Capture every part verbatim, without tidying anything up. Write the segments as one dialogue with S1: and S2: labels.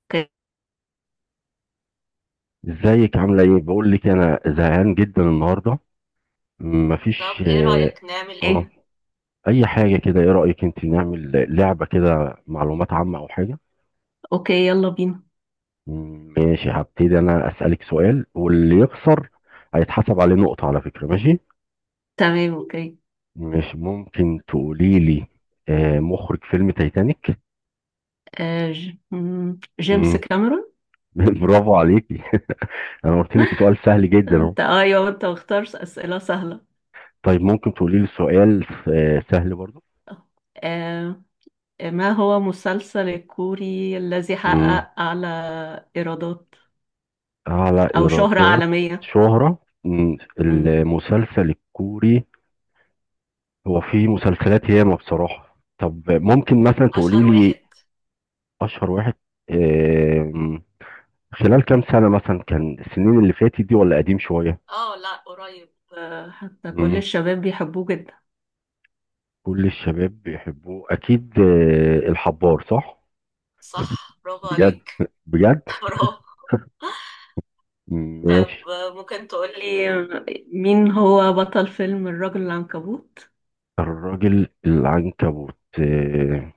S1: اوكي.
S2: ازيك عاملة ايه؟ بقول لك انا زهقان جدا النهاردة. مفيش.
S1: طب ايه
S2: اه.
S1: رأيك نعمل ايه
S2: آه،
S1: ايه
S2: اي حاجة كده، ايه رأيك انت نعمل لعبة كده معلومات عامة او حاجة؟
S1: اوكي، يلا بينا.
S2: مم، ماشي، هبتدي انا اسألك سؤال، واللي يخسر هيتحسب عليه نقطة على فكرة، ماشي؟
S1: تمام، اوكي.
S2: مش ممكن تقولي لي آه مخرج فيلم تايتانيك؟
S1: آه ج... مم، جيمس
S2: مم،
S1: كاميرون.
S2: برافو عليكي انا قلت لك سؤال سهل جدا اهو.
S1: انت ايوه انت مختار اسئله سهله.
S2: طيب ممكن تقولي لي سؤال آه سهل برضه؟
S1: آه آه، ما هو مسلسل الكوري الذي حقق اعلى ايرادات
S2: أعلى
S1: او شهره
S2: إيرادات.
S1: عالميه؟
S2: شهرة. مم،
S1: مم.
S2: المسلسل الكوري، هو في مسلسلات ياما بصراحة. طب ممكن مثلا تقولي
S1: اشهر
S2: لي
S1: واحد.
S2: أشهر واحد. آم، خلال كام سنة مثلا، كان السنين اللي فاتت دي ولا قديم شوية؟
S1: اه، لا قريب. آه، حتى كل
S2: مم،
S1: الشباب بيحبوه جدا.
S2: كل الشباب بيحبوه أكيد. آه، الحبار، صح؟
S1: صح، برافو
S2: بجد
S1: عليك.
S2: بجد.
S1: برافو. طب
S2: ماشي.
S1: آه، ممكن تقولي إيه، مين هو بطل فيلم الرجل العنكبوت؟
S2: الراجل العنكبوت. آه،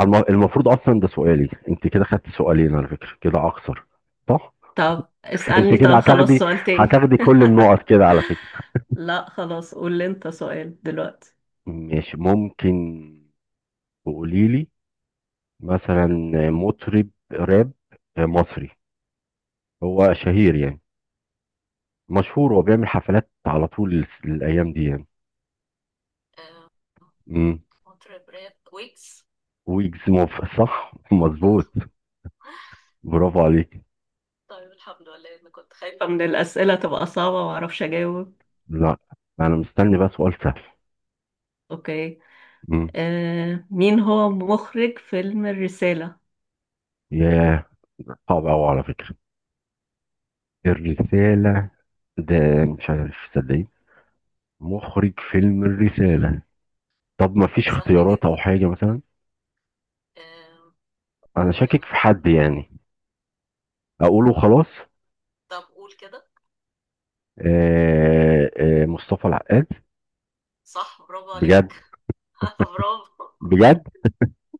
S2: الم- المفروض أصلا ده سؤالي، أنت كده خدت سؤالين على فكرة، كده أقصر، صح.
S1: طب
S2: انت
S1: اسألني،
S2: كده
S1: طب خلاص
S2: هتاخدي
S1: سؤال تاني.
S2: هتاخدي كل النقط كده على فكرة.
S1: لا خلاص، قول لي انت سؤال دلوقتي.
S2: ماشي، ممكن تقولي لي مثلا مطرب راب مصري، هو شهير يعني، مشهور وبيعمل حفلات على طول الس- الايام دي يعني.
S1: آه،
S2: امم
S1: مطرب راب ويجز.
S2: ويجز موف- صح، مظبوط، برافو عليك.
S1: طيب الحمد لله، انا كنت خايفة من الأسئلة تبقى صعبة ومعرفش أجاوب.
S2: لا، انا مستني بقى سؤال سهل.
S1: أوكي.
S2: امم
S1: آه، مين هو مخرج فيلم الرسالة؟
S2: ياه، صعب قوي على فكرة الرسالة ده، مش عارف صدقني مخرج فيلم الرسالة. طب ما فيش
S1: سهل
S2: اختيارات
S1: جدا.
S2: او حاجة مثلا؟
S1: آه،
S2: انا
S1: ممكن
S2: شاكك في
S1: اقول؟
S2: حد يعني، اقوله خلاص؟
S1: طب قول كده.
S2: آه، آه، مصطفى العقاد.
S1: صح، برافو
S2: بجد
S1: عليك. برافو
S2: بجد.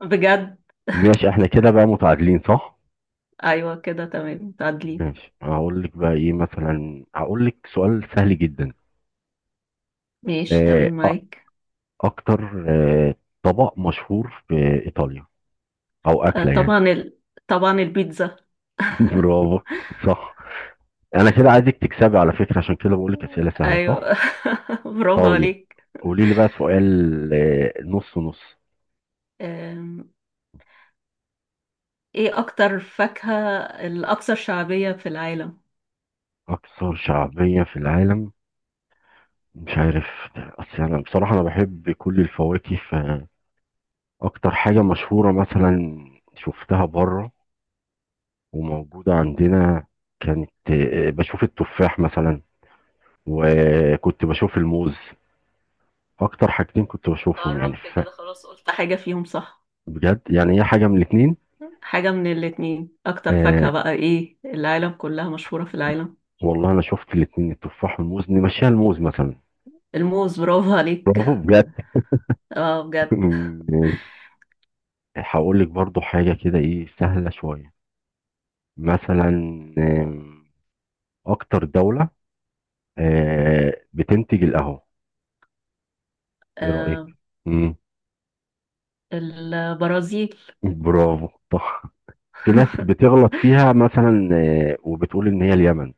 S1: بجد.
S2: ماشي، احنا كده بقى متعادلين، صح.
S1: أيوة كده تمام، تعدلي.
S2: ماشي، هقول لك بقى ايه مثلا، هقول لك سؤال سهل جدا.
S1: ماشي
S2: آه،
S1: تمام
S2: أ-
S1: معاك.
S2: اكتر آه، طبق مشهور في ايطاليا، او
S1: آه
S2: اكله يعني.
S1: طبعا ال... طبعا البيتزا.
S2: برافو، صح. انا كده عايزك تكسبي على فكره، عشان كده بقول لك اسئله سهله، صح.
S1: ايوه. برافو
S2: طيب
S1: عليك.
S2: قولي لي بقى سؤال آه، نص نص.
S1: أم، ايه اكتر فاكهة الاكثر شعبية في العالم؟
S2: اكثر شعبيه في العالم؟ مش عارف، اصل انا بصراحه انا بحب كل الفواكه، فاكتر حاجه مشهوره مثلا شفتها بره وموجوده عندنا، كانت آه، بشوف التفاح مثلا، وكنت بشوف الموز، اكتر حاجتين كنت بشوفهم يعني
S1: قربت
S2: ف-
S1: كده خلاص، قلت حاجة فيهم صح.
S2: بجد يعني هي حاجه من الاتنين.
S1: حاجة من الاتنين، اكتر
S2: آه
S1: فاكهة بقى ايه العالم كلها، مشهورة في العالم.
S2: والله، انا شفت الاتنين التفاح والموز، نمشيها الموز مثلا.
S1: الموز، برافو
S2: برافو
S1: عليك.
S2: بجد.
S1: اه بجد.
S2: ماشي. هقول لك برضو حاجه كده ايه سهله شويه مثلا. آم، اكتر دوله آه، بتنتج القهوة، ايه رأيك؟
S1: أم،
S2: مم.
S1: البرازيل.
S2: برافو، صح. في ناس بتغلط فيها مثلا آه، وبتقول ان هي اليمن،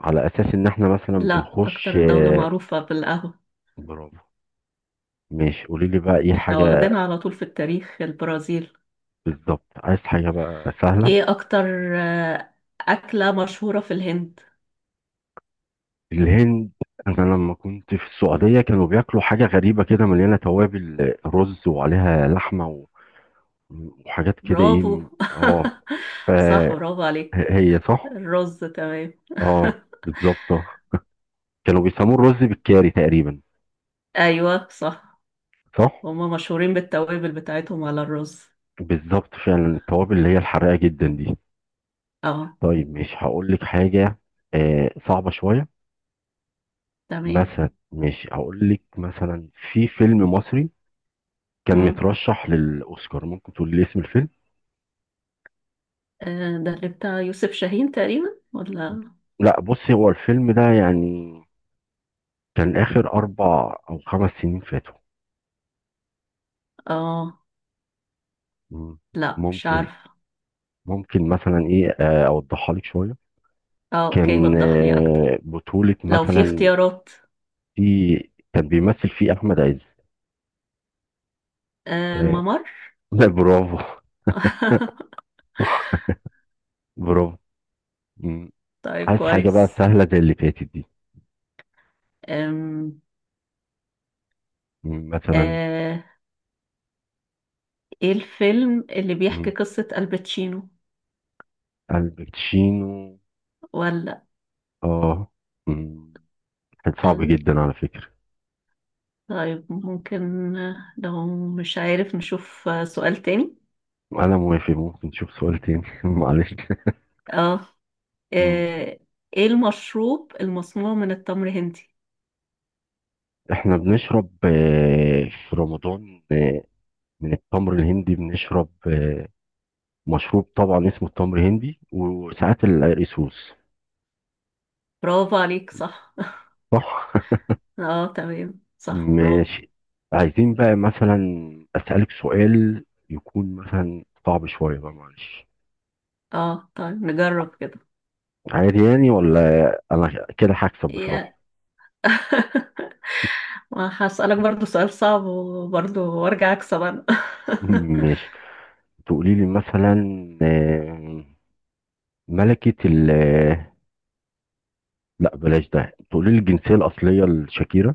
S2: على اساس ان احنا مثلا
S1: لا
S2: بنخش
S1: اكتر دولة
S2: آه،
S1: معروفة بالقهوة.
S2: برافو. ماشي، قولي لي بقى ايه
S1: احنا
S2: حاجة،
S1: واخدينها على طول في التاريخ، البرازيل.
S2: بالظبط عايز حاجة بقى سهلة.
S1: ايه اكتر آه، اكلة مشهورة في الهند؟
S2: الهند؟ انا لما كنت في السعودية كانوا بياكلوا حاجة غريبة كده مليانة توابل آه، رز وعليها لحمة و- وحاجات كده ايه
S1: برافو.
S2: م- اه،
S1: صح، برافو عليك.
S2: فهي صح.
S1: الرز تمام.
S2: اه، بالظبط، كانوا بيسموه الرز بالكاري تقريبا،
S1: ايوه صح.
S2: صح.
S1: هما مشهورين بالتوابل بتاعتهم على الرز.
S2: بالظبط، فعلا التوابل اللي هي الحراقه جدا دي.
S1: اه
S2: طيب مش هقول لك حاجه آه صعبه شويه.
S1: تمام.
S2: مثلا مش هقول لك، مثلا في فيلم مصري كان
S1: امم،
S2: مترشح للاوسكار، ممكن تقول لي اسم الفيلم؟
S1: آه ده اللي بتاع يوسف شاهين تقريبا، ولا؟
S2: لا بصي، هو الفيلم ده يعني كان اخر اربع او خمس سنين فاتوا.
S1: اه.
S2: مم.
S1: لا مش
S2: ممكن
S1: عارفه.
S2: ممكن مثلا، ايه، آه، اوضحها لك شويه،
S1: اه اوكي،
S2: كان
S1: وضح لي اكتر.
S2: آه، بطوله
S1: لو في
S2: مثلا،
S1: اختيارات.
S2: في، كان بيمثل فيه احمد عز.
S1: آه
S2: آه،
S1: الممر.
S2: برافو، صح، برافو. مم.
S1: طيب
S2: عايز حاجة بقى
S1: كويس.
S2: سهلة زي اللي فاتت دي.
S1: أم.
S2: مم، مثلا.
S1: آه، ايه الفيلم اللي بيحكي
S2: مم.
S1: قصة الباتشينو،
S2: الباتشينو؟
S1: ولا؟
S2: اه. مم. كان صعب جدا على فكرة.
S1: طيب ممكن، لو مش عارف نشوف سؤال تاني.
S2: أنا موافق، ممكن نشوف سؤال تاني معلش.
S1: اه.
S2: مم.
S1: آه، ايه المشروب المصنوع من التمر هندي؟
S2: احنا بنشرب آه، في رمضان آه، من التمر الهندي، بنشرب آه، مشروب، طبعا اسمه التمر الهندي، وساعات القريسوس.
S1: برافو عليك صح.
S2: صح.
S1: اه تمام، صح برافو.
S2: ماشي، عايزين بقى مثلا أسألك سؤال يكون مثلا صعب شوية بقى، معلش.
S1: اه طيب نجرب كده.
S2: عادي يعني، ولا أنا كده هكسب
S1: يا.
S2: بصراحة.
S1: ما هسألك برضو سؤال صعب وبرضو وارجع اكسب انا.
S2: ماشي، تقولي لي مثلا آه، ملكة ال آه، لا بلاش ده، تقولي لي الجنسية الأصلية لشاكيرا.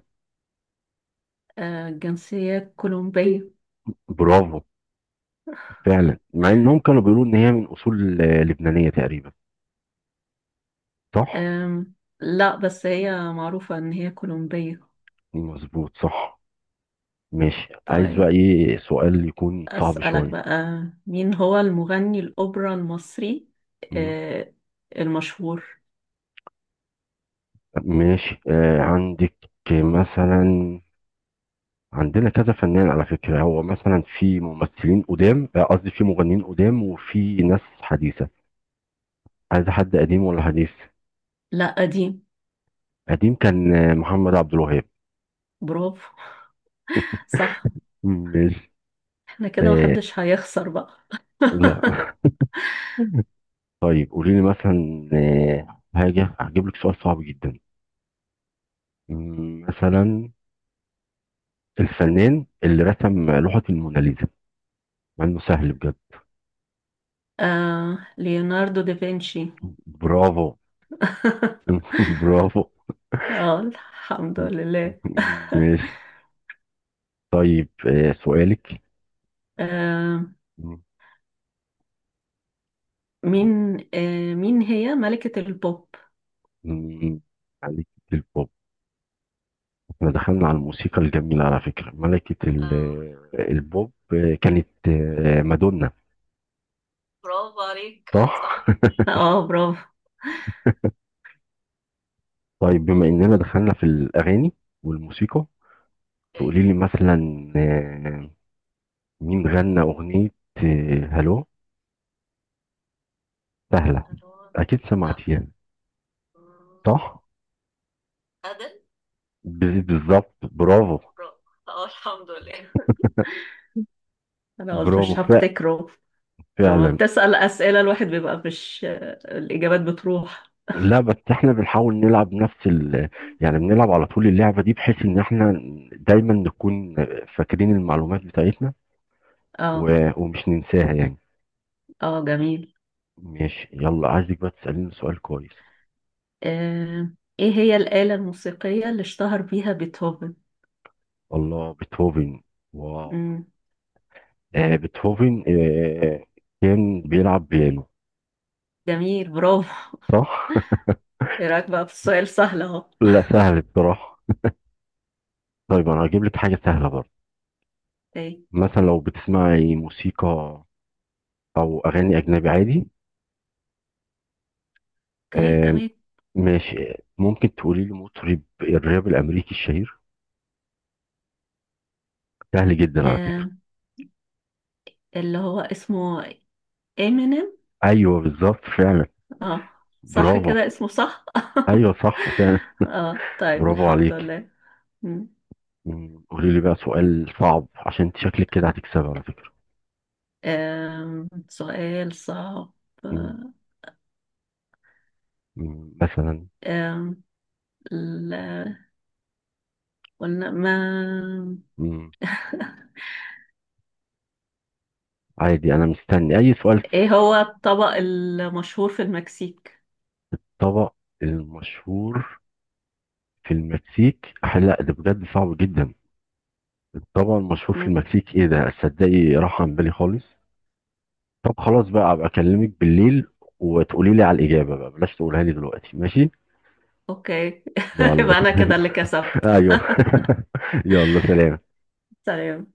S1: آه، جنسية كولومبية.
S2: برافو، فعلا، مع إنهم كانوا بيقولوا إن هي من أصول آه، لبنانية تقريبا، صح
S1: آم، لا بس هي معروفة ان هي كولومبية.
S2: مظبوط، صح. ماشي، عايز بقى
S1: طيب
S2: إيه سؤال يكون صعب
S1: أسألك
S2: شوية.
S1: بقى، مين هو المغني الأوبرا المصري آه، المشهور؟
S2: ماشي. آه عندك مثلا، عندنا كذا فنان على فكرة، هو مثلا في ممثلين قدام آه، قصدي في مغنيين قدام، وفي ناس حديثة. عايز حد قديم ولا حديث؟
S1: لا قديم.
S2: قديم كان آه، محمد عبد الوهاب.
S1: برافو صح.
S2: ماشي.
S1: احنا كده
S2: آه،
S1: محدش هيخسر بقى.
S2: لا. طيب قولي لي مثلا آه، حاجة، هجيب لك سؤال صعب جدا، مم، مثلا الفنان اللي رسم لوحة الموناليزا، مع انه سهل بجد.
S1: آه، ليوناردو دافنشي.
S2: برافو. برافو.
S1: اه الحمد لله.
S2: ماشي. طيب آه، سؤالك.
S1: آه،
S2: مم.
S1: مين آه، مين هي ملكة البوب؟
S2: مم، ملكة البوب. احنا دخلنا على الموسيقى الجميلة على فكرة. ملكة ال-
S1: آه
S2: آه، البوب آه، كانت آه، مادونا،
S1: برافو عليك
S2: صح؟
S1: صح. اه برافو.
S2: طيب بما اننا دخلنا في الاغاني والموسيقى،
S1: اوكي.
S2: تقولي لي مثلا آه، مين غنى اغنية آه، هلو، سهلة،
S1: ألو.
S2: اكيد
S1: لا.
S2: سمعتيها،
S1: أمم،
S2: صح؟
S1: أدل.
S2: ب- بالظبط، برافو،
S1: برافو، اه الحمد لله، انا قلت
S2: برافو
S1: مش
S2: ف-
S1: هفتكره. لما
S2: فعلا.
S1: بتسأل أسئلة الواحد بيبقى مش، الإجابات بتروح.
S2: لا بس احنا بنحاول نلعب نفس ال يعني، بنلعب على طول اللعبة دي، بحيث ان احنا دايما نكون فاكرين المعلومات بتاعتنا،
S1: اه.
S2: و... ومش ننساها يعني.
S1: اه جميل.
S2: ماشي، يلا عايزك بقى تسأليني سؤال كويس.
S1: آه. ايه هي الآلة الموسيقية اللي اشتهر بيها بيتهوفن؟
S2: الله، بيتهوفن، واو.
S1: مم.
S2: آه بيتهوفن آه كان بيلعب بيانو،
S1: جميل برافو.
S2: صح؟
S1: ايه رأيك بقى في السؤال سهل اهو.
S2: لا سهل بصراحة. طيب انا هجيب لك حاجة سهلة برضه،
S1: اوكي.
S2: مثلا لو بتسمعي موسيقى او اغاني اجنبي عادي.
S1: اوكي
S2: آه،
S1: تمام.
S2: ماشي، ممكن تقولي لي مطرب الراب الامريكي الشهير، سهل جدا على فكره.
S1: آه. اللي هو اسمه امينيم.
S2: ايوه بالظبط، فعلا،
S1: اه. صح
S2: برافو.
S1: كده اسمه صح.
S2: ايوه صح فعلا،
S1: اه طيب
S2: برافو
S1: الحمد
S2: عليك.
S1: لله. مم.
S2: مم، قولي لي بقى سؤال صعب، عشان انت شكلك كده هتكسبي على فكره.
S1: آم، سؤال صعب.
S2: مم، مم، مثلا
S1: آم، ال- قلنا ما
S2: مم، عادي، انا مستني اي سؤال. في
S1: ايه هو الطبق المشهور في المكسيك؟
S2: الطبق المشهور في المكسيك أح- لا ده بجد صعب جدا، الطبق المشهور في
S1: مم.
S2: المكسيك ايه ده، تصدقي راح عن بالي خالص. طب خلاص بقى، ابقى اكلمك بالليل وتقولي لي على الاجابه بقى، بلاش تقولها لي دلوقتي، ماشي.
S1: اوكي.
S2: يلا.
S1: يبقى انا كده اللي كسبت.
S2: ايوه. يلا، سلام.
S1: سلام.